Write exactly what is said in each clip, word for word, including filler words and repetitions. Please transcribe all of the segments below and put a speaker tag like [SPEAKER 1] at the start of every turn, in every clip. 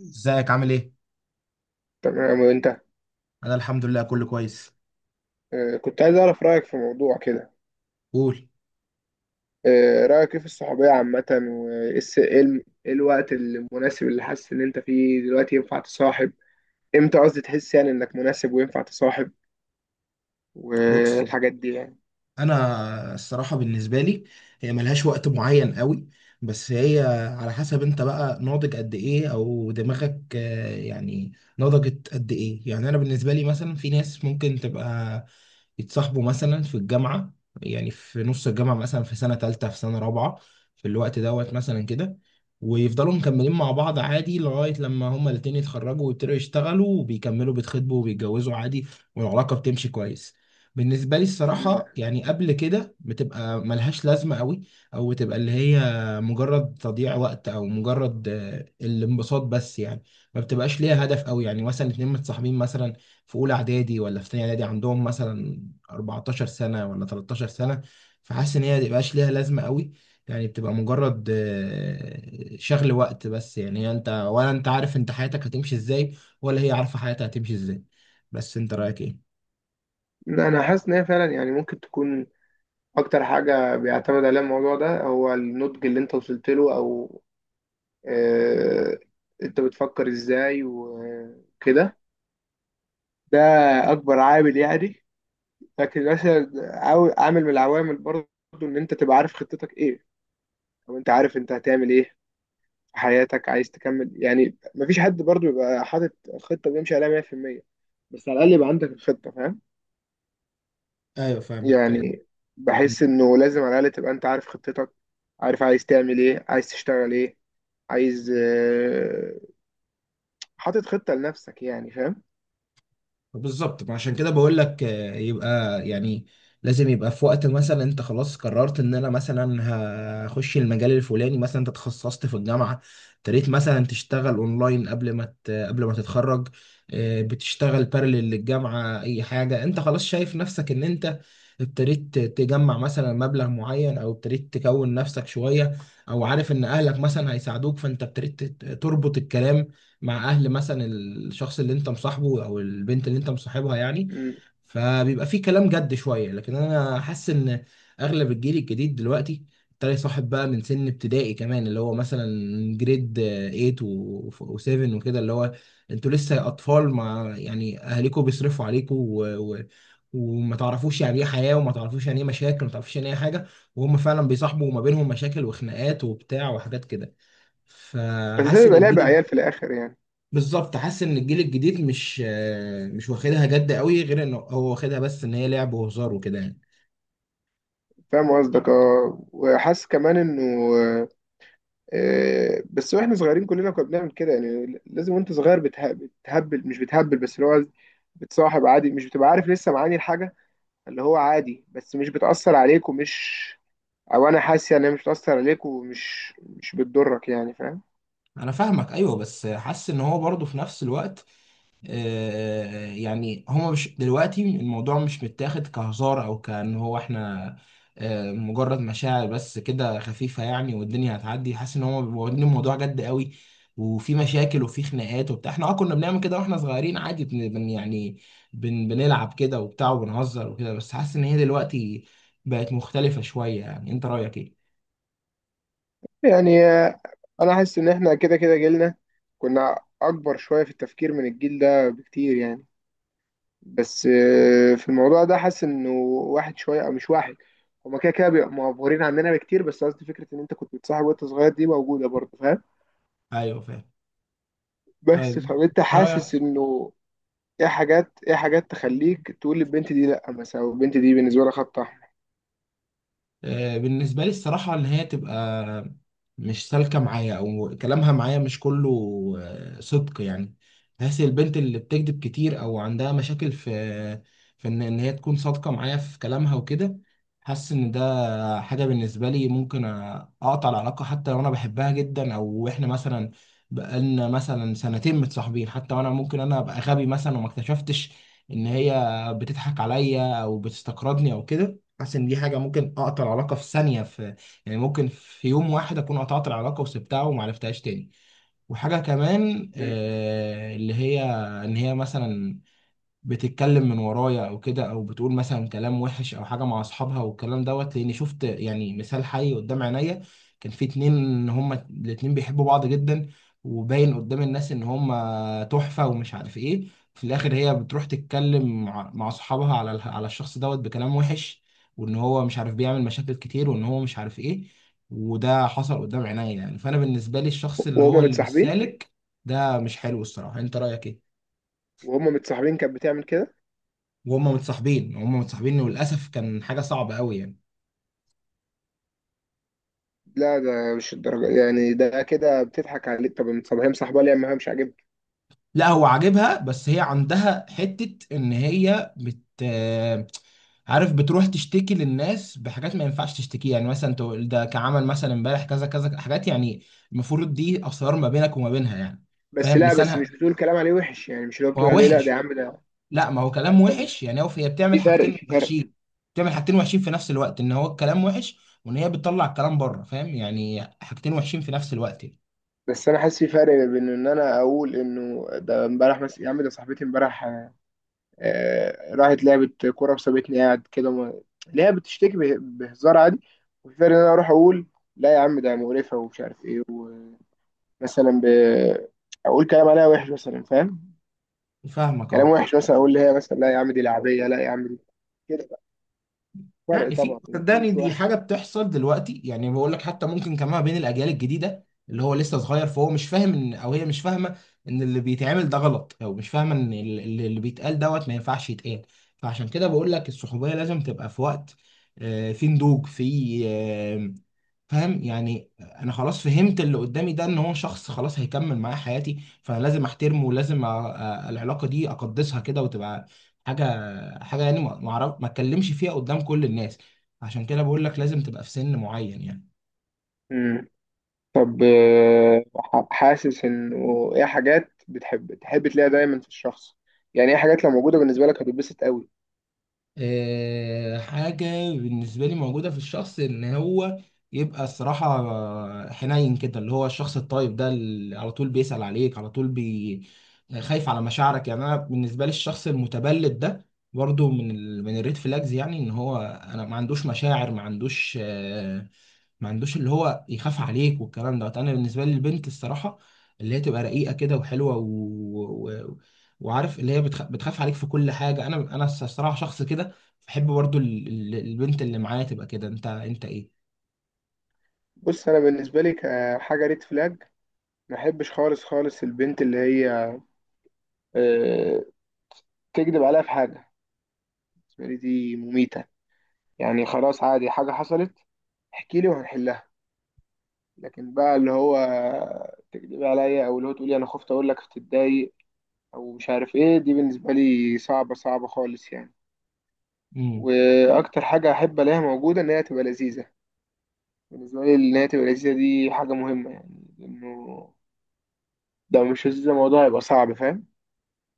[SPEAKER 1] ازيك، عامل ايه؟
[SPEAKER 2] تمام وانت.
[SPEAKER 1] انا الحمد لله كله كويس.
[SPEAKER 2] آه، كنت عايز اعرف رايك في موضوع كده.
[SPEAKER 1] قول.
[SPEAKER 2] آه، رايك ايه في الصحوبيه عامه وايه الس- ايه الم- ايه الوقت المناسب اللي حاسس ان انت فيه دلوقتي ينفع تصاحب؟ امتى قصدي تحس يعني انك مناسب وينفع تصاحب
[SPEAKER 1] بص،
[SPEAKER 2] والحاجات دي يعني.
[SPEAKER 1] انا الصراحه بالنسبه لي هي ملهاش وقت معين قوي، بس هي على حسب انت بقى ناضج قد ايه او دماغك آه، يعني نضجت قد ايه. يعني انا بالنسبه لي مثلا في ناس ممكن تبقى يتصاحبوا مثلا في الجامعة، يعني في نص الجامعة مثلا في سنة تالتة في سنة رابعة، في الوقت دوت مثلا كده، ويفضلوا مكملين مع بعض عادي لغاية لما هما الاتنين يتخرجوا ويبتدوا يشتغلوا وبيكملوا بيتخطبوا وبيتجوزوا عادي، والعلاقة بتمشي كويس. بالنسبة لي
[SPEAKER 2] م.
[SPEAKER 1] الصراحة يعني قبل كده بتبقى ملهاش لازمة قوي، أو بتبقى اللي هي مجرد تضييع وقت أو مجرد آه، الانبساط بس يعني، ما بتبقاش ليها هدف قوي. يعني مثلا اتنين متصاحبين مثلا في أولى إعدادي ولا في تانية إعدادي، عندهم مثلا 14 سنة ولا 13 سنة، فحاسس ان هي مبقاش ليها لازمة قوي، يعني بتبقى مجرد آه، شغل وقت بس. يعني انت ولا انت عارف انت حياتك هتمشي ازاي، ولا هي عارفة حياتها هتمشي ازاي. بس انت رأيك ايه؟
[SPEAKER 2] انا حاسس ان هي فعلا يعني ممكن تكون اكتر حاجه بيعتمد عليها الموضوع ده هو النضج اللي انت وصلت له او آه، انت بتفكر ازاي وكده. ده اكبر عامل يعني، لكن مثلا عاو- عامل من العوامل برضو، ان انت تبقى عارف خطتك ايه او انت عارف انت هتعمل ايه في حياتك، عايز تكمل يعني. مفيش حد برضو يبقى حاطط خطة بيمشي عليها مية في المية، بس على الاقل يبقى عندك الخطة، فاهم
[SPEAKER 1] ايوه، فاهمك.
[SPEAKER 2] يعني؟ بحس انه لازم على الاقل تبقى انت عارف خطتك، عارف عايز تعمل ايه، عايز تشتغل ايه، عايز آه، حاطط خطة لنفسك يعني، فاهم؟
[SPEAKER 1] بالظبط، عشان كده بقول لك آه، يبقى يعني لازم يبقى في وقت مثلا انت خلاص قررت ان انا مثلا هخش المجال الفلاني، مثلا انت تخصصت في الجامعه، ابتديت مثلا تشتغل اونلاين قبل ما ت- قبل ما تتخرج، آه، بتشتغل بارلل للجامعه، اي حاجه انت خلاص شايف نفسك ان انت ابتديت تجمع مثلا مبلغ معين او ابتديت تكون نفسك شويه، او عارف ان اهلك مثلا هيساعدوك، فانت ابتديت تربط الكلام مع اهل مثلا الشخص اللي انت مصاحبه او البنت اللي انت مصاحبها يعني،
[SPEAKER 2] مم.
[SPEAKER 1] فبيبقى في كلام جد شويه. لكن انا حاسس ان اغلب الجيل الجديد دلوقتي ابتدى يصاحب بقى من سن ابتدائي كمان، اللي هو مثلا جريد 8 و7 وكده، اللي هو انتوا لسه اطفال مع يعني اهاليكم بيصرفوا عليكم، و... و... وما تعرفوش يعني ايه حياه، وما تعرفوش يعني ايه مشاكل، وما تعرفوش يعني ايه حاجه، وهم فعلا بيصاحبوا ما بينهم مشاكل وخناقات وبتاع وحاجات كده.
[SPEAKER 2] بس ده
[SPEAKER 1] فحاسس ان
[SPEAKER 2] بيبقى لعب
[SPEAKER 1] الجيل،
[SPEAKER 2] عيال في الاخر يعني.
[SPEAKER 1] بالظبط، حاسس ان الجيل الجديد مش آه، مش واخدها جد قوي، غير انه هو واخدها بس ان هي لعب وهزار وكده يعني.
[SPEAKER 2] فاهم قصدك اه، وحاسس كمان انه آه، آه، بس واحنا صغيرين كلنا كنا بنعمل كده يعني، لازم وانت صغير بتها- بتهبل مش بتهبل، بس اللي هو بتصاحب عادي، مش بتبقى عارف لسه معاني الحاجة، اللي هو عادي بس مش بتأثر عليك ومش، او انا حاسس يعني مش بتأثر عليك ومش مش بتضرك يعني، فاهم؟
[SPEAKER 1] انا فاهمك، ايوه، بس حاسس ان هو برضه في نفس الوقت، آه، يعني هما مش دلوقتي الموضوع مش متاخد كهزار او كأن هو احنا آه، مجرد مشاعر بس كده خفيفة يعني والدنيا هتعدي. حاسس ان هما بيبقوا واخدين الموضوع جد قوي، وفي مشاكل وفي خناقات وبتاع، احنا اه كنا بنعمل كده واحنا صغيرين عادي، بن بن- يعني بن بنلعب كده وبتاع وبنهزر وكده، بس حاسس ان هي دلوقتي بقت مختلفة شوية. يعني انت رأيك ايه؟
[SPEAKER 2] يعني آه، انا حاسس ان احنا كده كده جيلنا كنا اكبر شوية في التفكير من الجيل ده بكتير يعني. بس آه، في الموضوع ده حاسس انه واحد شويه، او مش واحد، هما كده كده بيبقوا مغفورين عننا بكتير، بس قصدي فكره ان انت كنت بتصاحب وانت صغير دي موجوده برضه، فاهم؟
[SPEAKER 1] ايوه، فاهم.
[SPEAKER 2] بس
[SPEAKER 1] طيب،
[SPEAKER 2] فانت حاسس
[SPEAKER 1] رأيك،
[SPEAKER 2] انه ايه حاجات، ايه حاجات تخليك تقول للبنت دي لا مثلا، او البنت دي بالنسبه لها خط احمر.
[SPEAKER 1] آه، بالنسبة لي الصراحة إن هي تبقى مش سالكة معايا، أو كلامها معايا مش كله آه، صدق يعني. بحس البنت اللي بتكذب كتير أو عندها مشاكل في في إن إن هي تكون صادقة معايا في كلامها وكده، حاسس إن ده حاجة بالنسبة لي ممكن أ- أقطع العلاقة، حتى لو أنا بحبها جدا، أو إحنا مثلا بقالنا مثلا سنتين متصاحبين حتى، وأنا ممكن أنا أبقى غبي مثلا وما اكتشفتش إن هي بتضحك عليا أو بتستقرضني أو كده. حاسس ان دي حاجه ممكن اقطع العلاقه في ثانيه، في يعني ممكن في يوم واحد اكون قطعت العلاقه وسبتها وما عرفتهاش تاني. وحاجه كمان
[SPEAKER 2] إيه؟
[SPEAKER 1] آه اللي هي، ان هي مثلا بتتكلم من ورايا او كده، او بتقول مثلا كلام وحش او حاجه مع اصحابها، والكلام دوت، لاني شفت يعني مثال حي قدام عينيا. كان في اتنين هما الاتنين بيحبوا بعض جدا، وباين قدام الناس ان هما تحفه ومش عارف ايه، في الاخر هي بتروح تتكلم مع مع اصحابها على ال- على الشخص دوت بكلام وحش، وان هو مش عارف بيعمل مشاكل كتير، وان هو مش عارف ايه. وده حصل قدام عينيا يعني، فانا بالنسبه لي الشخص اللي هو
[SPEAKER 2] وهما
[SPEAKER 1] اللي مش
[SPEAKER 2] متصاحبين؟
[SPEAKER 1] سالك ده مش حلو الصراحه. انت رايك ايه؟
[SPEAKER 2] وهما متصاحبين كانت بتعمل كده؟
[SPEAKER 1] وهم متصاحبين هم متصاحبين وللاسف، كان حاجه صعبه قوي يعني.
[SPEAKER 2] لا ده مش الدرجه يعني، ده كده بتضحك عليه. طب ما هي مصاحبه ليه؟ ما هي مش عاجبك.
[SPEAKER 1] لا، هو عاجبها، بس هي عندها حته ان هي بت، عارف، بتروح تشتكي للناس بحاجات ما ينفعش تشتكيها، يعني مثلا تقول ده كعمل مثلا امبارح كذا كذا حاجات يعني، المفروض دي اسرار ما بينك وما بينها يعني.
[SPEAKER 2] بس
[SPEAKER 1] فاهم
[SPEAKER 2] لا، بس مش
[SPEAKER 1] لسانها
[SPEAKER 2] بتقول كلام عليه وحش يعني، مش اللي هو بتقول
[SPEAKER 1] هو
[SPEAKER 2] عليه لا ده
[SPEAKER 1] وحش.
[SPEAKER 2] يا عم ده.
[SPEAKER 1] لا، ما هو
[SPEAKER 2] لا
[SPEAKER 1] كلام
[SPEAKER 2] ثانيه،
[SPEAKER 1] وحش يعني، هو هي
[SPEAKER 2] في
[SPEAKER 1] بتعمل
[SPEAKER 2] فرق،
[SPEAKER 1] حاجتين
[SPEAKER 2] في فرق
[SPEAKER 1] وحشين بتعمل حاجتين وحشين في نفس الوقت، ان هو الكلام وحش، وان هي بتطلع الكلام بره، فاهم؟ يعني حاجتين وحشين في نفس الوقت يعني.
[SPEAKER 2] بس انا حاسس في فرق بين ان انا اقول انه ده امبارح مثلا، يا عم ده صاحبتي امبارح آه، راحت لعبت كوره وسابتني قاعد كده ما… اللي هي بتشتكي به- بهزار عادي. وفي فرق ان انا اروح اقول لا يا عم ده مقرفه ومش عارف ايه، ومثلا ب… اقول كلام عليها وحش مثلا، فاهم؟
[SPEAKER 1] فاهمك،
[SPEAKER 2] كلام
[SPEAKER 1] اه
[SPEAKER 2] وحش، مثلا اقول لها مثلا لا يا عم دي لعبيه، لا يا عم دي كده. فرق
[SPEAKER 1] يعني
[SPEAKER 2] طبعا،
[SPEAKER 1] في،
[SPEAKER 2] الاثنين
[SPEAKER 1] صدقني
[SPEAKER 2] مش
[SPEAKER 1] دي حاجة بتحصل دلوقتي، يعني بقول لك حتى ممكن كمان بين الأجيال الجديدة اللي هو لسه صغير، فهو مش فاهم إن، أو هي مش فاهمة إن اللي بيتعمل ده غلط، أو مش فاهمة إن ال- ال- اللي بيتقال دوت ما ينفعش يتقال. فعشان كده بقول لك الصحوبية لازم تبقى في وقت، آه، في نضوج، في، فاهم يعني، انا خلاص فهمت اللي قدامي ده ان هو شخص خلاص هيكمل معايا حياتي، فانا لازم احترمه، ولازم أ- أ- العلاقه دي اقدسها كده وتبقى حاجه حاجه يعني ما ما اعرف ما اتكلمش فيها قدام كل الناس. عشان كده بقول لك لازم تبقى في سن معين يعني.
[SPEAKER 2] واحد. طب آه، ح- حاسس انه ايه حاجات بتحب تحب تلاقيها دايما في الشخص؟ يعني ايه حاجات لو موجوده بالنسبه لك هتتبسط قوي؟
[SPEAKER 1] آه، حاجة بالنسبة لي موجودة في الشخص إن هو يبقى الصراحة حنين كده، اللي هو الشخص الطيب ده، اللي على طول بيسأل عليك، على طول بي خايف على مشاعرك. يعني أنا بالنسبة لي الشخص المتبلد ده برضو من ال... من الريد فلاجز، يعني إن هو أنا ما عندوش مشاعر، ما عندوش آه، ما عندوش اللي هو يخاف عليك والكلام ده. انا بالنسبه لي البنت الصراحه اللي هي تبقى رقيقه كده وحلوه و... و... وعارف اللي هي بتخ... بتخاف عليك في كل حاجه. انا انا الصراحه شخص كده بحب برضو ال... ال- البنت اللي معايا تبقى كده، انت انت.
[SPEAKER 2] بص انا بالنسبه لي كحاجه ريد فلاج، ما احبش خالص خالص البنت اللي هي آه، تكذب عليها في حاجه. بالنسبه لي دي مميته، يعني خلاص عادي حاجه حصلت، احكي لي وهنحلها، لكن بقى اللي هو تكذبي عليا، او اللي هو تقولي انا خفت اقول لك تتضايق او مش عارف ايه، دي بالنسبه لي صعبه، صعبه خالص يعني.
[SPEAKER 1] ايه،
[SPEAKER 2] واكتر حاجه احب الاقيها موجوده ان هي تبقى لذيذه. بالنسبه لي ان هي تبقى لذيذه دي حاجه مهمه يعني، لانه لو مش لذيذه الموضوع هيبقى صعب، فاهم؟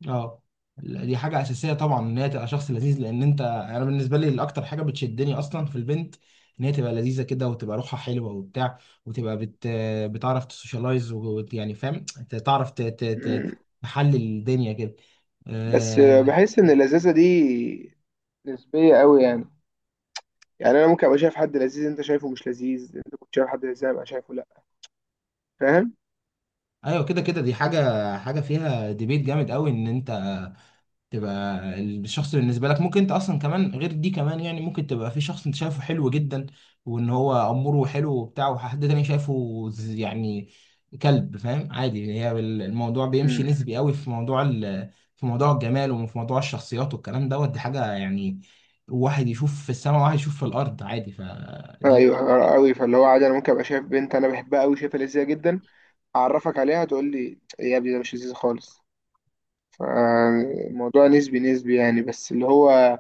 [SPEAKER 1] اه، لا، دي حاجة أساسية طبعا إن هي تبقى شخص لذيذ، لأن أنت، أنا بالنسبة لي الأكتر حاجة بتشدني أصلا في البنت إن هي تبقى لذيذة كده، وتبقى روحها حلوة وبتاع، وتبقى بت... بتعرف تسوشيالايز ويعني فاهم، ت- تعرف ت... ت... ت...
[SPEAKER 2] مم.
[SPEAKER 1] تحلل الدنيا كده.
[SPEAKER 2] بس
[SPEAKER 1] آه...
[SPEAKER 2] بحس ان اللذاذه دي نسبيه قوي يعني. يعني انا ممكن ابقى شايف حد لذيذ انت شايفه مش لذيذ، انت كنت شايف حد لذيذ أنا ابقى شايفه لا، فاهم؟
[SPEAKER 1] أيوه، كده كده دي حاجة، حاجة فيها ديبيت جامد قوي إن أنت تبقى الشخص بالنسبة لك، ممكن انت اصلا كمان غير دي كمان، يعني ممكن تبقى في شخص انت شايفه حلو جدا وان هو اموره حلو وبتاع، وحد تاني شايفه ز- يعني كلب، فاهم؟ عادي، هي بال- الموضوع بيمشي
[SPEAKER 2] مم.
[SPEAKER 1] نسبي قوي في موضوع ال... في موضوع الجمال، وفي موضوع الشخصيات والكلام دوت، دي حاجة يعني واحد يشوف في السماء وواحد يشوف في الارض عادي، فدي.
[SPEAKER 2] ايوه قوي، فاللي هو عادي انا ممكن ابقى شايف بنت انا بحبها قوي شايفها لذيذه جدا، اعرفك عليها تقول لي يا ابني ده مش لذيذ خالص. فالموضوع نسبي نسبي يعني. بس اللي هو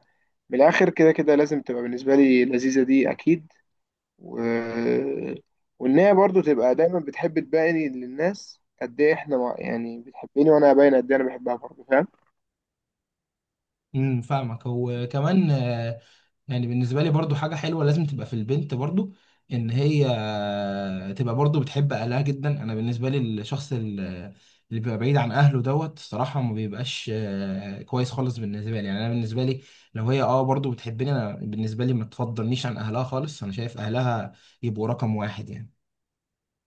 [SPEAKER 2] من الاخر كده كده لازم تبقى بالنسبه لي لذيذه، دي اكيد. و… وان هي برضو تبقى دايما بتحب تبين للناس قد ايه احنا مع… يعني بتحبني، وانا باين قد ايه انا بحبها برضو، فاهم؟
[SPEAKER 1] امم فاهمك. وكمان، يعني بالنسبة لي برضو حاجة حلوة لازم تبقى في البنت برضو، ان هي تبقى برضو بتحب اهلها جدا. انا بالنسبة لي الشخص ال- اللي بيبقى بعيد عن اهله دوت الصراحة ما بيبقاش آه، كويس خالص بالنسبة لي يعني. انا بالنسبة لي لو هي اه برضو بتحبني، انا بالنسبة لي ما تفضلنيش عن اهلها خالص، انا شايف اهلها يبقوا رقم واحد يعني